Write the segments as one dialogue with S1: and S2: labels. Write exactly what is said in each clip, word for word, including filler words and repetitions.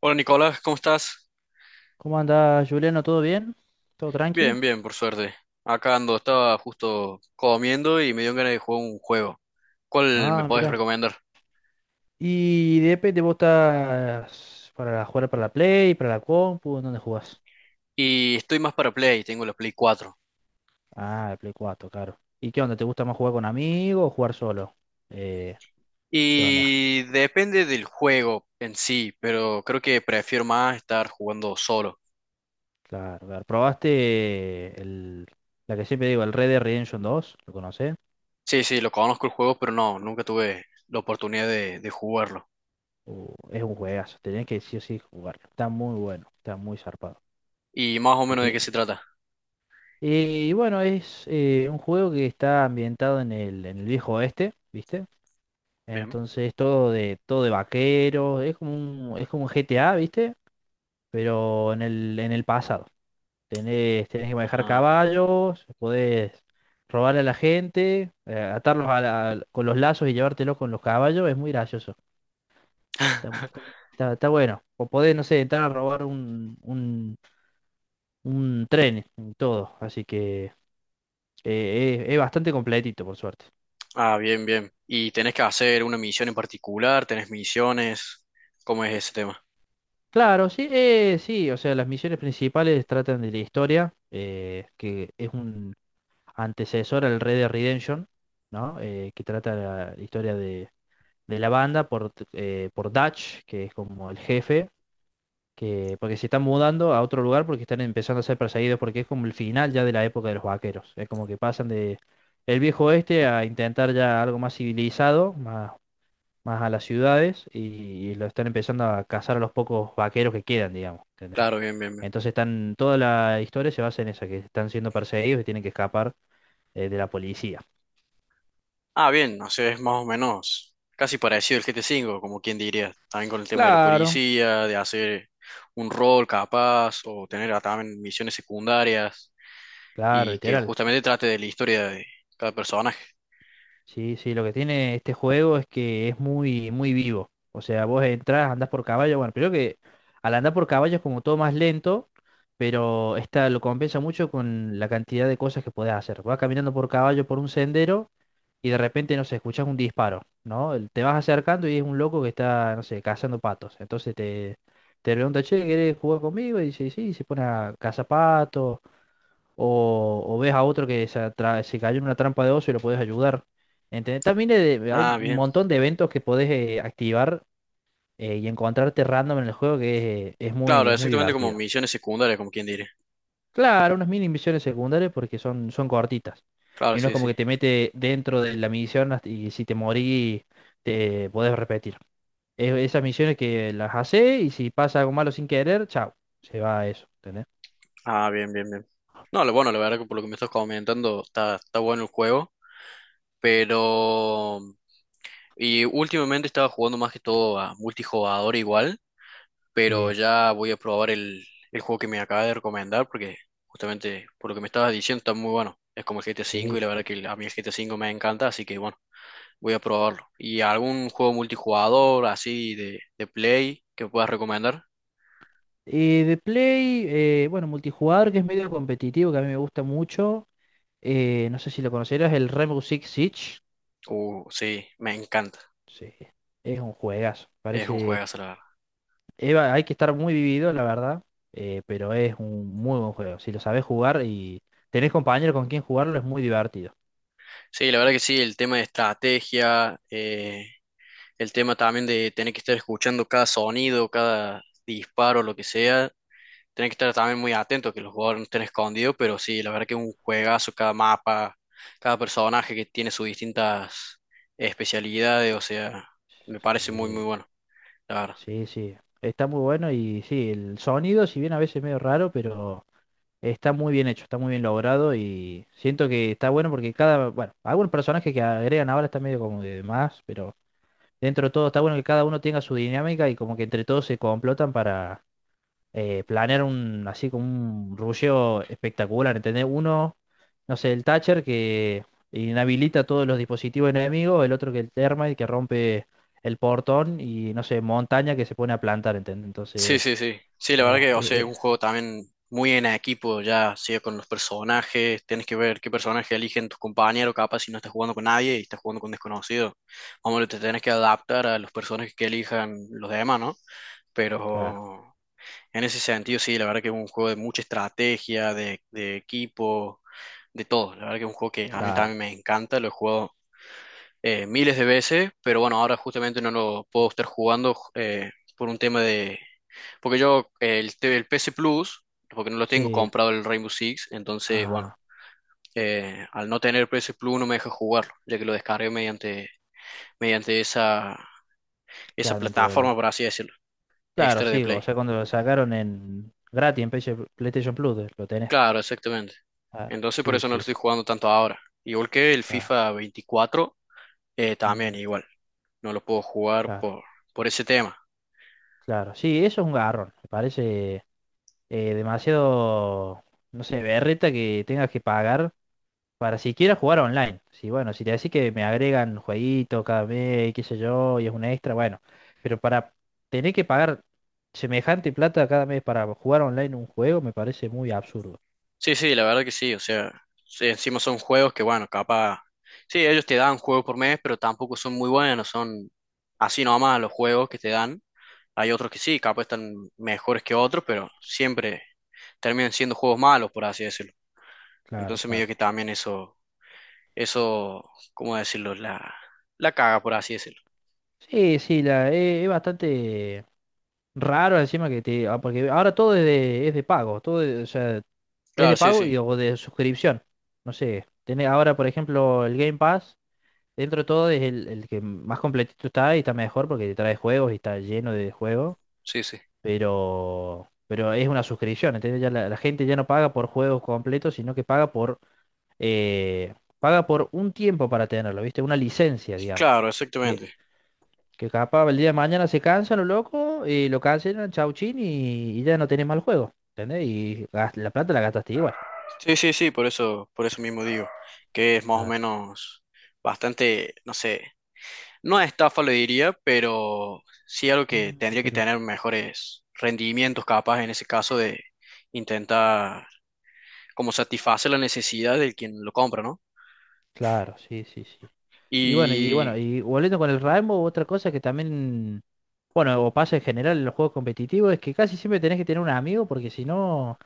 S1: Hola Nicolás, ¿cómo estás?
S2: ¿Cómo andás, Juliano? ¿Todo bien? ¿Todo tranqui?
S1: Bien, bien, por suerte. Acá ando, estaba justo comiendo y me dio ganas de jugar un juego. ¿Cuál me
S2: Ah,
S1: podés
S2: mira.
S1: recomendar?
S2: ¿Y de P te vos estás para jugar para la Play, para la compu? ¿En ¿Dónde jugás?
S1: Y estoy más para Play, tengo la Play cuatro.
S2: Ah, el Play cuatro, claro. ¿Y qué onda? ¿Te gusta más jugar con amigos o jugar solo? Eh, ¿Qué onda?
S1: Y depende del juego en sí, pero creo que prefiero más estar jugando solo.
S2: Claro, claro. ¿Probaste el, la que siempre digo, el Red Dead Redemption dos? ¿Lo conocés?
S1: Sí, sí, lo conozco el juego, pero no, nunca tuve la oportunidad de, de jugarlo.
S2: Uh, es un juegazo, tenés que sí o sí jugarlo. Está muy bueno, está muy zarpado.
S1: ¿Y más o
S2: Y
S1: menos de qué se
S2: te,
S1: trata?
S2: Eh, y bueno, es eh, un juego que está ambientado en el, en el viejo oeste, ¿viste?
S1: Bien.
S2: Entonces todo de, todo de vaqueros, es como un, es como un G T A, ¿viste? Pero en el, en el pasado. Tenés, tenés que manejar
S1: Ah.
S2: caballos, podés robarle a la gente, eh, atarlos a la- con los lazos y llevártelos con los caballos, es muy gracioso. Está, está- está bueno. O podés, no sé, entrar a robar un, un, un tren, todo. Así que eh, es es bastante completito, por suerte.
S1: Ah, bien, bien. ¿Y tenés que hacer una misión en particular? ¿Tenés misiones? ¿Cómo es ese tema?
S2: Claro, sí, eh, sí, o sea, las misiones principales tratan de la historia, eh, que es un antecesor al Red Dead Redemption, ¿no? Eh, que trata la historia de, de la banda por, eh, por Dutch, que es como el jefe, que porque se están mudando a otro lugar porque están empezando a ser perseguidos, porque es como el final ya de la época de los vaqueros, es como que pasan de el viejo oeste a intentar ya algo más civilizado, más, más a las ciudades, y, y lo están empezando a cazar a los pocos vaqueros que quedan, digamos. ¿Entendés?
S1: Claro, bien, bien, bien.
S2: Entonces están, toda la historia se basa en eso, que están siendo perseguidos y tienen que escapar eh, de la policía.
S1: Ah, bien, no sé, es más o menos casi parecido al G T cinco, como quien diría. También con el tema de la
S2: Claro,
S1: policía, de hacer un rol capaz, o tener ah, también misiones secundarias,
S2: claro,
S1: y que
S2: literal.
S1: justamente trate de la historia de cada personaje.
S2: Sí, sí, lo que tiene este juego es que es muy, muy vivo. O sea, vos entras, andás por caballo, bueno, creo que al andar por caballo es como todo más lento, pero esta lo compensa mucho con la cantidad de cosas que podés hacer. Vas caminando por caballo por un sendero y de repente, no sé, escuchas un disparo, ¿no? El- Te vas acercando y es un loco que está, no sé, cazando patos. Entonces te, te pregunta, che, ¿querés jugar conmigo? Y dice, sí, y se pone a cazar patos. O, o ves a otro que se, atra- se cayó en una trampa de oso y lo podés ayudar. ¿Entendés? También eh, de- hay
S1: Ah,
S2: un
S1: bien.
S2: montón de eventos que podés eh, activar eh, y encontrarte random en el juego que es, eh, es muy,
S1: Claro,
S2: es muy
S1: exactamente como
S2: divertido.
S1: misiones secundarias, como quien diría.
S2: Claro, unas mini misiones secundarias porque son, son cortitas.
S1: Claro,
S2: Y no es
S1: sí,
S2: como
S1: sí.
S2: que te mete dentro de la misión hasta- y si te morís te podés repetir. E- esas misiones que las hace y si pasa algo malo sin querer, chao, se va a eso, ¿entendés?
S1: Ah, bien, bien, bien. No, lo bueno, la verdad que por lo que me estás comentando, está, está bueno el juego. Pero... Y últimamente estaba jugando más que todo a multijugador igual, pero
S2: Sí,
S1: ya voy a probar el, el juego que me acaba de recomendar porque justamente por lo que me estabas diciendo está muy bueno. Es como el G T A uve V
S2: sí,
S1: y la verdad
S2: sí.
S1: que el- a mí el G T A uve V me encanta, así que bueno, voy a probarlo. ¿Y algún juego multijugador así de, de Play que puedas recomendar?
S2: Y de Play, eh, bueno, multijugador que es medio competitivo, que a mí me gusta mucho. Eh, no sé si lo conocerás, el Rainbow Six Siege.
S1: Uh, sí, me encanta.
S2: Sí, es un juegazo.
S1: Es un
S2: Parece
S1: juegazo, la verdad.
S2: Eva, hay que estar muy vivido, la verdad, eh, pero es un muy buen juego. Si lo sabes jugar y tenés compañeros con quien jugarlo, es muy divertido.
S1: Sí, la verdad que sí, el tema de estrategia, eh, El tema también de tener que estar escuchando cada sonido, cada disparo, lo que sea. Tener que estar también muy atento que los jugadores no estén escondidos, pero sí, la verdad que es un juegazo, cada mapa, cada personaje que tiene sus distintas especialidades, o sea, me parece muy,
S2: Sí,
S1: muy bueno, la verdad.
S2: sí, sí. Está muy bueno y sí, el sonido, si bien a veces es medio raro, pero está muy bien hecho, está muy bien logrado y siento que está bueno porque cada, bueno, algunos personajes que agregan ahora está medio como de más, pero dentro de todo está bueno que cada uno tenga su dinámica y como que entre todos se complotan para... eh, planear un, así como un rusheo espectacular, ¿entendés? Uno, no sé, el Thatcher que inhabilita todos los dispositivos enemigos, el otro que el Termite que rompe el portón y, no sé, montaña que se pone a plantar, ¿entendés?
S1: Sí,
S2: Entonces,
S1: sí, sí. Sí, la verdad
S2: eh,
S1: que, o sea, es
S2: eh, eh,
S1: un juego también muy en equipo, ya sea con los personajes, tienes que ver qué personaje eligen tus compañeros, capaz si no estás jugando con nadie y estás jugando con desconocidos. Hombre, te tienes que adaptar a los personajes que elijan los demás, ¿no?
S2: claro,
S1: Pero en ese sentido, sí, la verdad que es un juego de mucha estrategia, de, de equipo, de todo. La verdad que es un juego que a mí
S2: claro,
S1: también me encanta, lo he jugado eh, miles de veces, pero bueno, ahora justamente no lo puedo estar jugando eh, por un tema de porque yo eh, el, te- el P S Plus, porque no lo tengo
S2: sí,
S1: comprado el Rainbow Six, entonces, bueno,
S2: ah,
S1: eh, al no tener P S Plus no me deja jugarlo, ya que lo descargué mediante, mediante esa, esa
S2: claro, mientras el...
S1: plataforma, por así decirlo,
S2: Claro,
S1: extra de
S2: sí, o
S1: Play.
S2: sea, cuando lo sacaron en gratis en P S- PlayStation Plus, eh, lo tenés.
S1: Claro, exactamente.
S2: Claro,
S1: Entonces por
S2: sí,
S1: eso no lo
S2: sí,
S1: estoy
S2: sí,
S1: jugando tanto ahora. Igual que el
S2: claro,
S1: FIFA veinticuatro, eh, también
S2: mm,
S1: igual, no lo puedo jugar
S2: claro,
S1: por, por ese tema.
S2: claro. Sí, eso es un garrón, me parece eh, demasiado, no sé, berreta que tengas que pagar para siquiera jugar online. Sí, bueno, si te decís que me agregan jueguito cada mes, qué sé yo, y es una extra, bueno, pero para tener que pagar semejante plata cada mes para jugar online un juego me parece muy absurdo.
S1: Sí, sí, la verdad que sí, o sea, sí, encima son juegos que, bueno, capaz, sí, ellos te dan juegos por mes, pero tampoco son muy buenos, son así nomás los juegos que te dan. Hay otros que sí, capaz están mejores que otros, pero siempre terminan siendo juegos malos, por así decirlo.
S2: Claro,
S1: Entonces medio
S2: claro.
S1: que también eso, eso, ¿cómo decirlo? La, la caga, por así decirlo.
S2: Sí, sí, la, eh, es bastante raro encima que te... ah, porque ahora todo es de, es de pago, todo es, o sea, es
S1: Claro,
S2: de
S1: sí,
S2: pago
S1: sí,
S2: y, o de suscripción. No sé, tenés ahora por ejemplo el Game Pass dentro de todo es el, el que más completito está y está mejor porque te trae juegos y está lleno de juegos,
S1: sí, sí.
S2: pero, pero es una suscripción, ¿entendés? Ya la, la gente ya no paga por juegos completos, sino que paga por, eh, paga por un tiempo para tenerlo, ¿viste? Una licencia, digamos.
S1: Claro,
S2: Que,
S1: exactamente.
S2: que capaz el día de mañana se cansan los locos, y lo cancelan, chau chin, y, y ya no tenés más el juego, ¿entendés? Y gas- la plata la gastaste igual.
S1: Sí, sí, sí, por eso, por eso mismo digo, que es más o
S2: Claro.
S1: menos bastante, no sé. No estafa lo diría, pero sí algo que
S2: Mm,
S1: tendría que
S2: pero
S1: tener mejores rendimientos capaz en ese caso de intentar como satisfacer la necesidad del quien lo compra, ¿no?
S2: claro, sí, sí, sí. Y bueno, y
S1: Y
S2: bueno, y volviendo con el Rainbow, otra cosa que también, bueno, o pasa en general en los juegos competitivos, es que casi siempre tenés que tener un amigo, porque si no,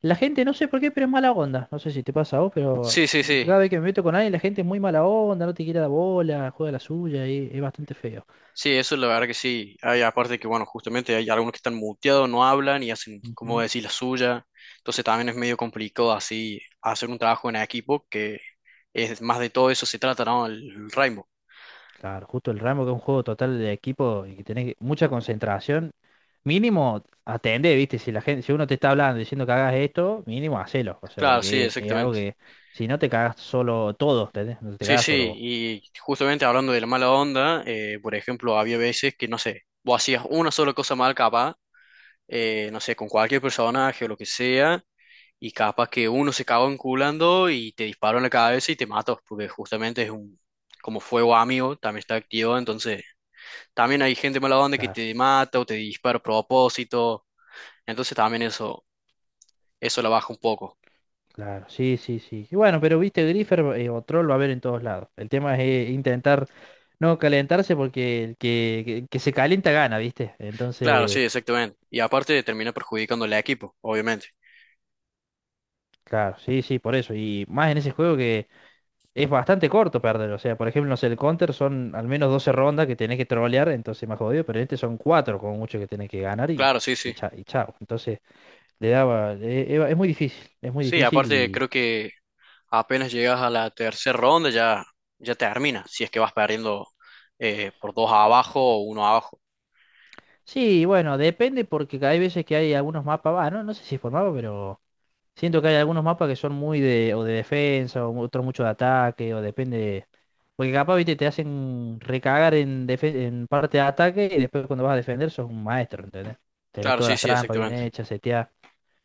S2: la gente, no sé por qué, pero es mala onda. No sé si te pasa a vos, pero
S1: sí, sí, sí,
S2: cada vez que me meto con alguien, la gente es muy mala onda, no te quiere la bola, juega la suya, y es bastante feo.
S1: sí, eso la verdad que sí. Hay aparte que, bueno, justamente hay algunos que están muteados, no hablan y hacen, como
S2: Ujú.
S1: decir, la suya. Entonces también es medio complicado así hacer un trabajo en equipo que es más de todo eso se trata, ¿no? El, el Rainbow.
S2: Claro, justo el Rainbow, que es un juego total de equipo y que tenés que- mucha concentración. Mínimo atendé, ¿viste? Si la gente, si uno te está hablando diciendo que hagas esto, mínimo hacelo. O sea,
S1: Claro, sí,
S2: porque es, es algo
S1: exactamente.
S2: que si no te cagas solo todos, ¿entendés? No te
S1: Sí,
S2: cagas
S1: sí,
S2: solo vos.
S1: y justamente hablando de la mala onda, eh, por ejemplo, había veces que, no sé, vos hacías una sola cosa mal capaz, eh, no sé, con cualquier personaje o lo que sea, y capaz que uno se cagó enculando y te disparó en la cabeza y te mató, porque justamente es un, como fuego amigo, también está activo, entonces también hay gente mala onda que
S2: Claro,
S1: te mata o te dispara a propósito, entonces también eso, eso la baja un poco.
S2: claro. Sí, sí, sí. Y bueno, pero viste, Griffer eh, o Troll va a haber en todos lados. El tema es eh, intentar no calentarse porque el que, que, que se calienta gana, ¿viste?
S1: Claro, sí,
S2: Entonces,
S1: exactamente. Y aparte termina perjudicando al equipo, obviamente.
S2: claro, sí, sí, por eso. Y más en ese juego que es bastante corto perder. O sea, por ejemplo, no sé, el Counter son al menos doce rondas que tenés que trolear, entonces más jodido, pero en este son cuatro como mucho que tenés que ganar y,
S1: Claro, sí,
S2: y,
S1: sí.
S2: cha- y chao. Entonces, le daba. E- e- es muy difícil, es muy
S1: Sí,
S2: difícil
S1: aparte
S2: y.
S1: creo que apenas llegas a la tercera ronda ya, ya, termina, si es que vas perdiendo eh, por dos abajo o uno abajo.
S2: Sí, bueno, depende porque hay veces que hay algunos mapas, va, no, no sé si es por mapa, pero siento que hay algunos mapas que son muy de, o de defensa, o otros mucho de ataque, o depende. de- Porque capaz, viste, te hacen recagar en, defe- en parte de ataque y después cuando vas a defender sos un maestro, ¿entendés? Tenés
S1: Claro,
S2: todas
S1: sí,
S2: las
S1: sí,
S2: trampas bien
S1: exactamente.
S2: hechas, seteadas.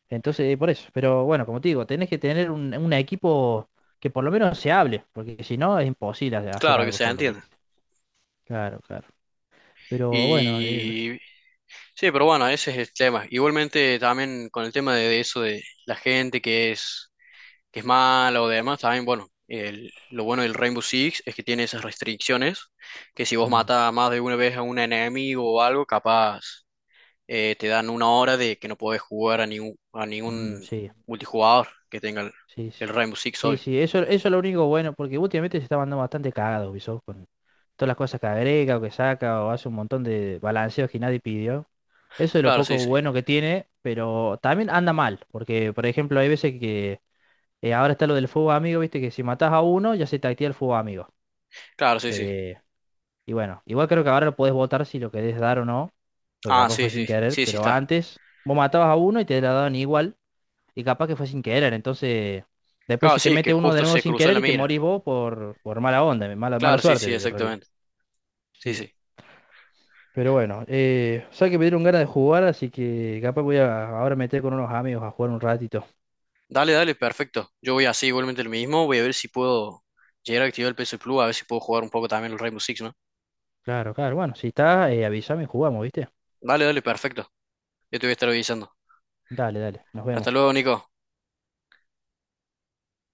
S2: Entonces, eh, por eso. Pero bueno, como te digo, tenés que tener un, un equipo que por lo menos se hable, porque si no es imposible hacer
S1: Claro que
S2: algo
S1: se
S2: solo,
S1: entiende.
S2: ¿viste? Claro, claro. Pero bueno, eh,
S1: Y sí, pero bueno, ese es el tema. Igualmente también con el tema de, de eso de la gente que es, que es mala o demás, también bueno, el- lo bueno del Rainbow Six es que tiene esas restricciones, que si vos
S2: mm,
S1: matas más de una vez a un enemigo o algo, capaz eh, te dan una hora de que no podés jugar a ningún, a
S2: mm,
S1: ningún
S2: sí.
S1: multijugador que tenga el,
S2: Sí,
S1: el
S2: sí.
S1: Rainbow Six,
S2: Sí,
S1: obvio.
S2: sí, eso, eso es lo único bueno, porque últimamente se está mandando bastante cagado Ubisoft con todas las cosas que agrega o que saca o hace un montón de balanceos que nadie pidió. Eso es lo
S1: Claro,
S2: poco
S1: sí, sí.
S2: bueno que tiene, pero también anda mal, porque por ejemplo hay veces que eh, ahora está lo del fuego amigo, viste que si matás a uno ya se te activa el fuego amigo.
S1: Claro, sí, sí.
S2: Eh, y bueno, igual creo que ahora lo podés votar si lo querés dar o no, porque
S1: Ah,
S2: capaz
S1: sí,
S2: fue sin
S1: sí.
S2: querer,
S1: Sí, sí
S2: pero
S1: está.
S2: antes vos matabas a uno y te la daban igual. Y capaz que fue sin querer. Entonces, después
S1: Claro,
S2: si te
S1: sí, que
S2: mete uno de
S1: justo
S2: nuevo
S1: se
S2: sin
S1: cruzó en
S2: querer
S1: la
S2: y te
S1: mira.
S2: morís vos por, por mala onda, mala, mala
S1: Claro, sí,
S2: suerte
S1: sí,
S2: en realidad.
S1: exactamente. Sí,
S2: Sí.
S1: sí.
S2: Pero bueno, eh, sabes que me dieron ganas de jugar, así que capaz voy a ahora meter con unos amigos a jugar un ratito.
S1: Dale, dale, perfecto. Yo voy así igualmente lo mismo. Voy a ver si puedo llegar a activar el P S Plus, a ver si puedo jugar un poco también el Rainbow Six, ¿no?
S2: Claro, claro. Bueno, si está, eh, avísame y jugamos, ¿viste?
S1: Dale, dale, perfecto. Yo te voy a estar avisando.
S2: Dale, dale. Nos
S1: Hasta
S2: vemos.
S1: luego, Nico.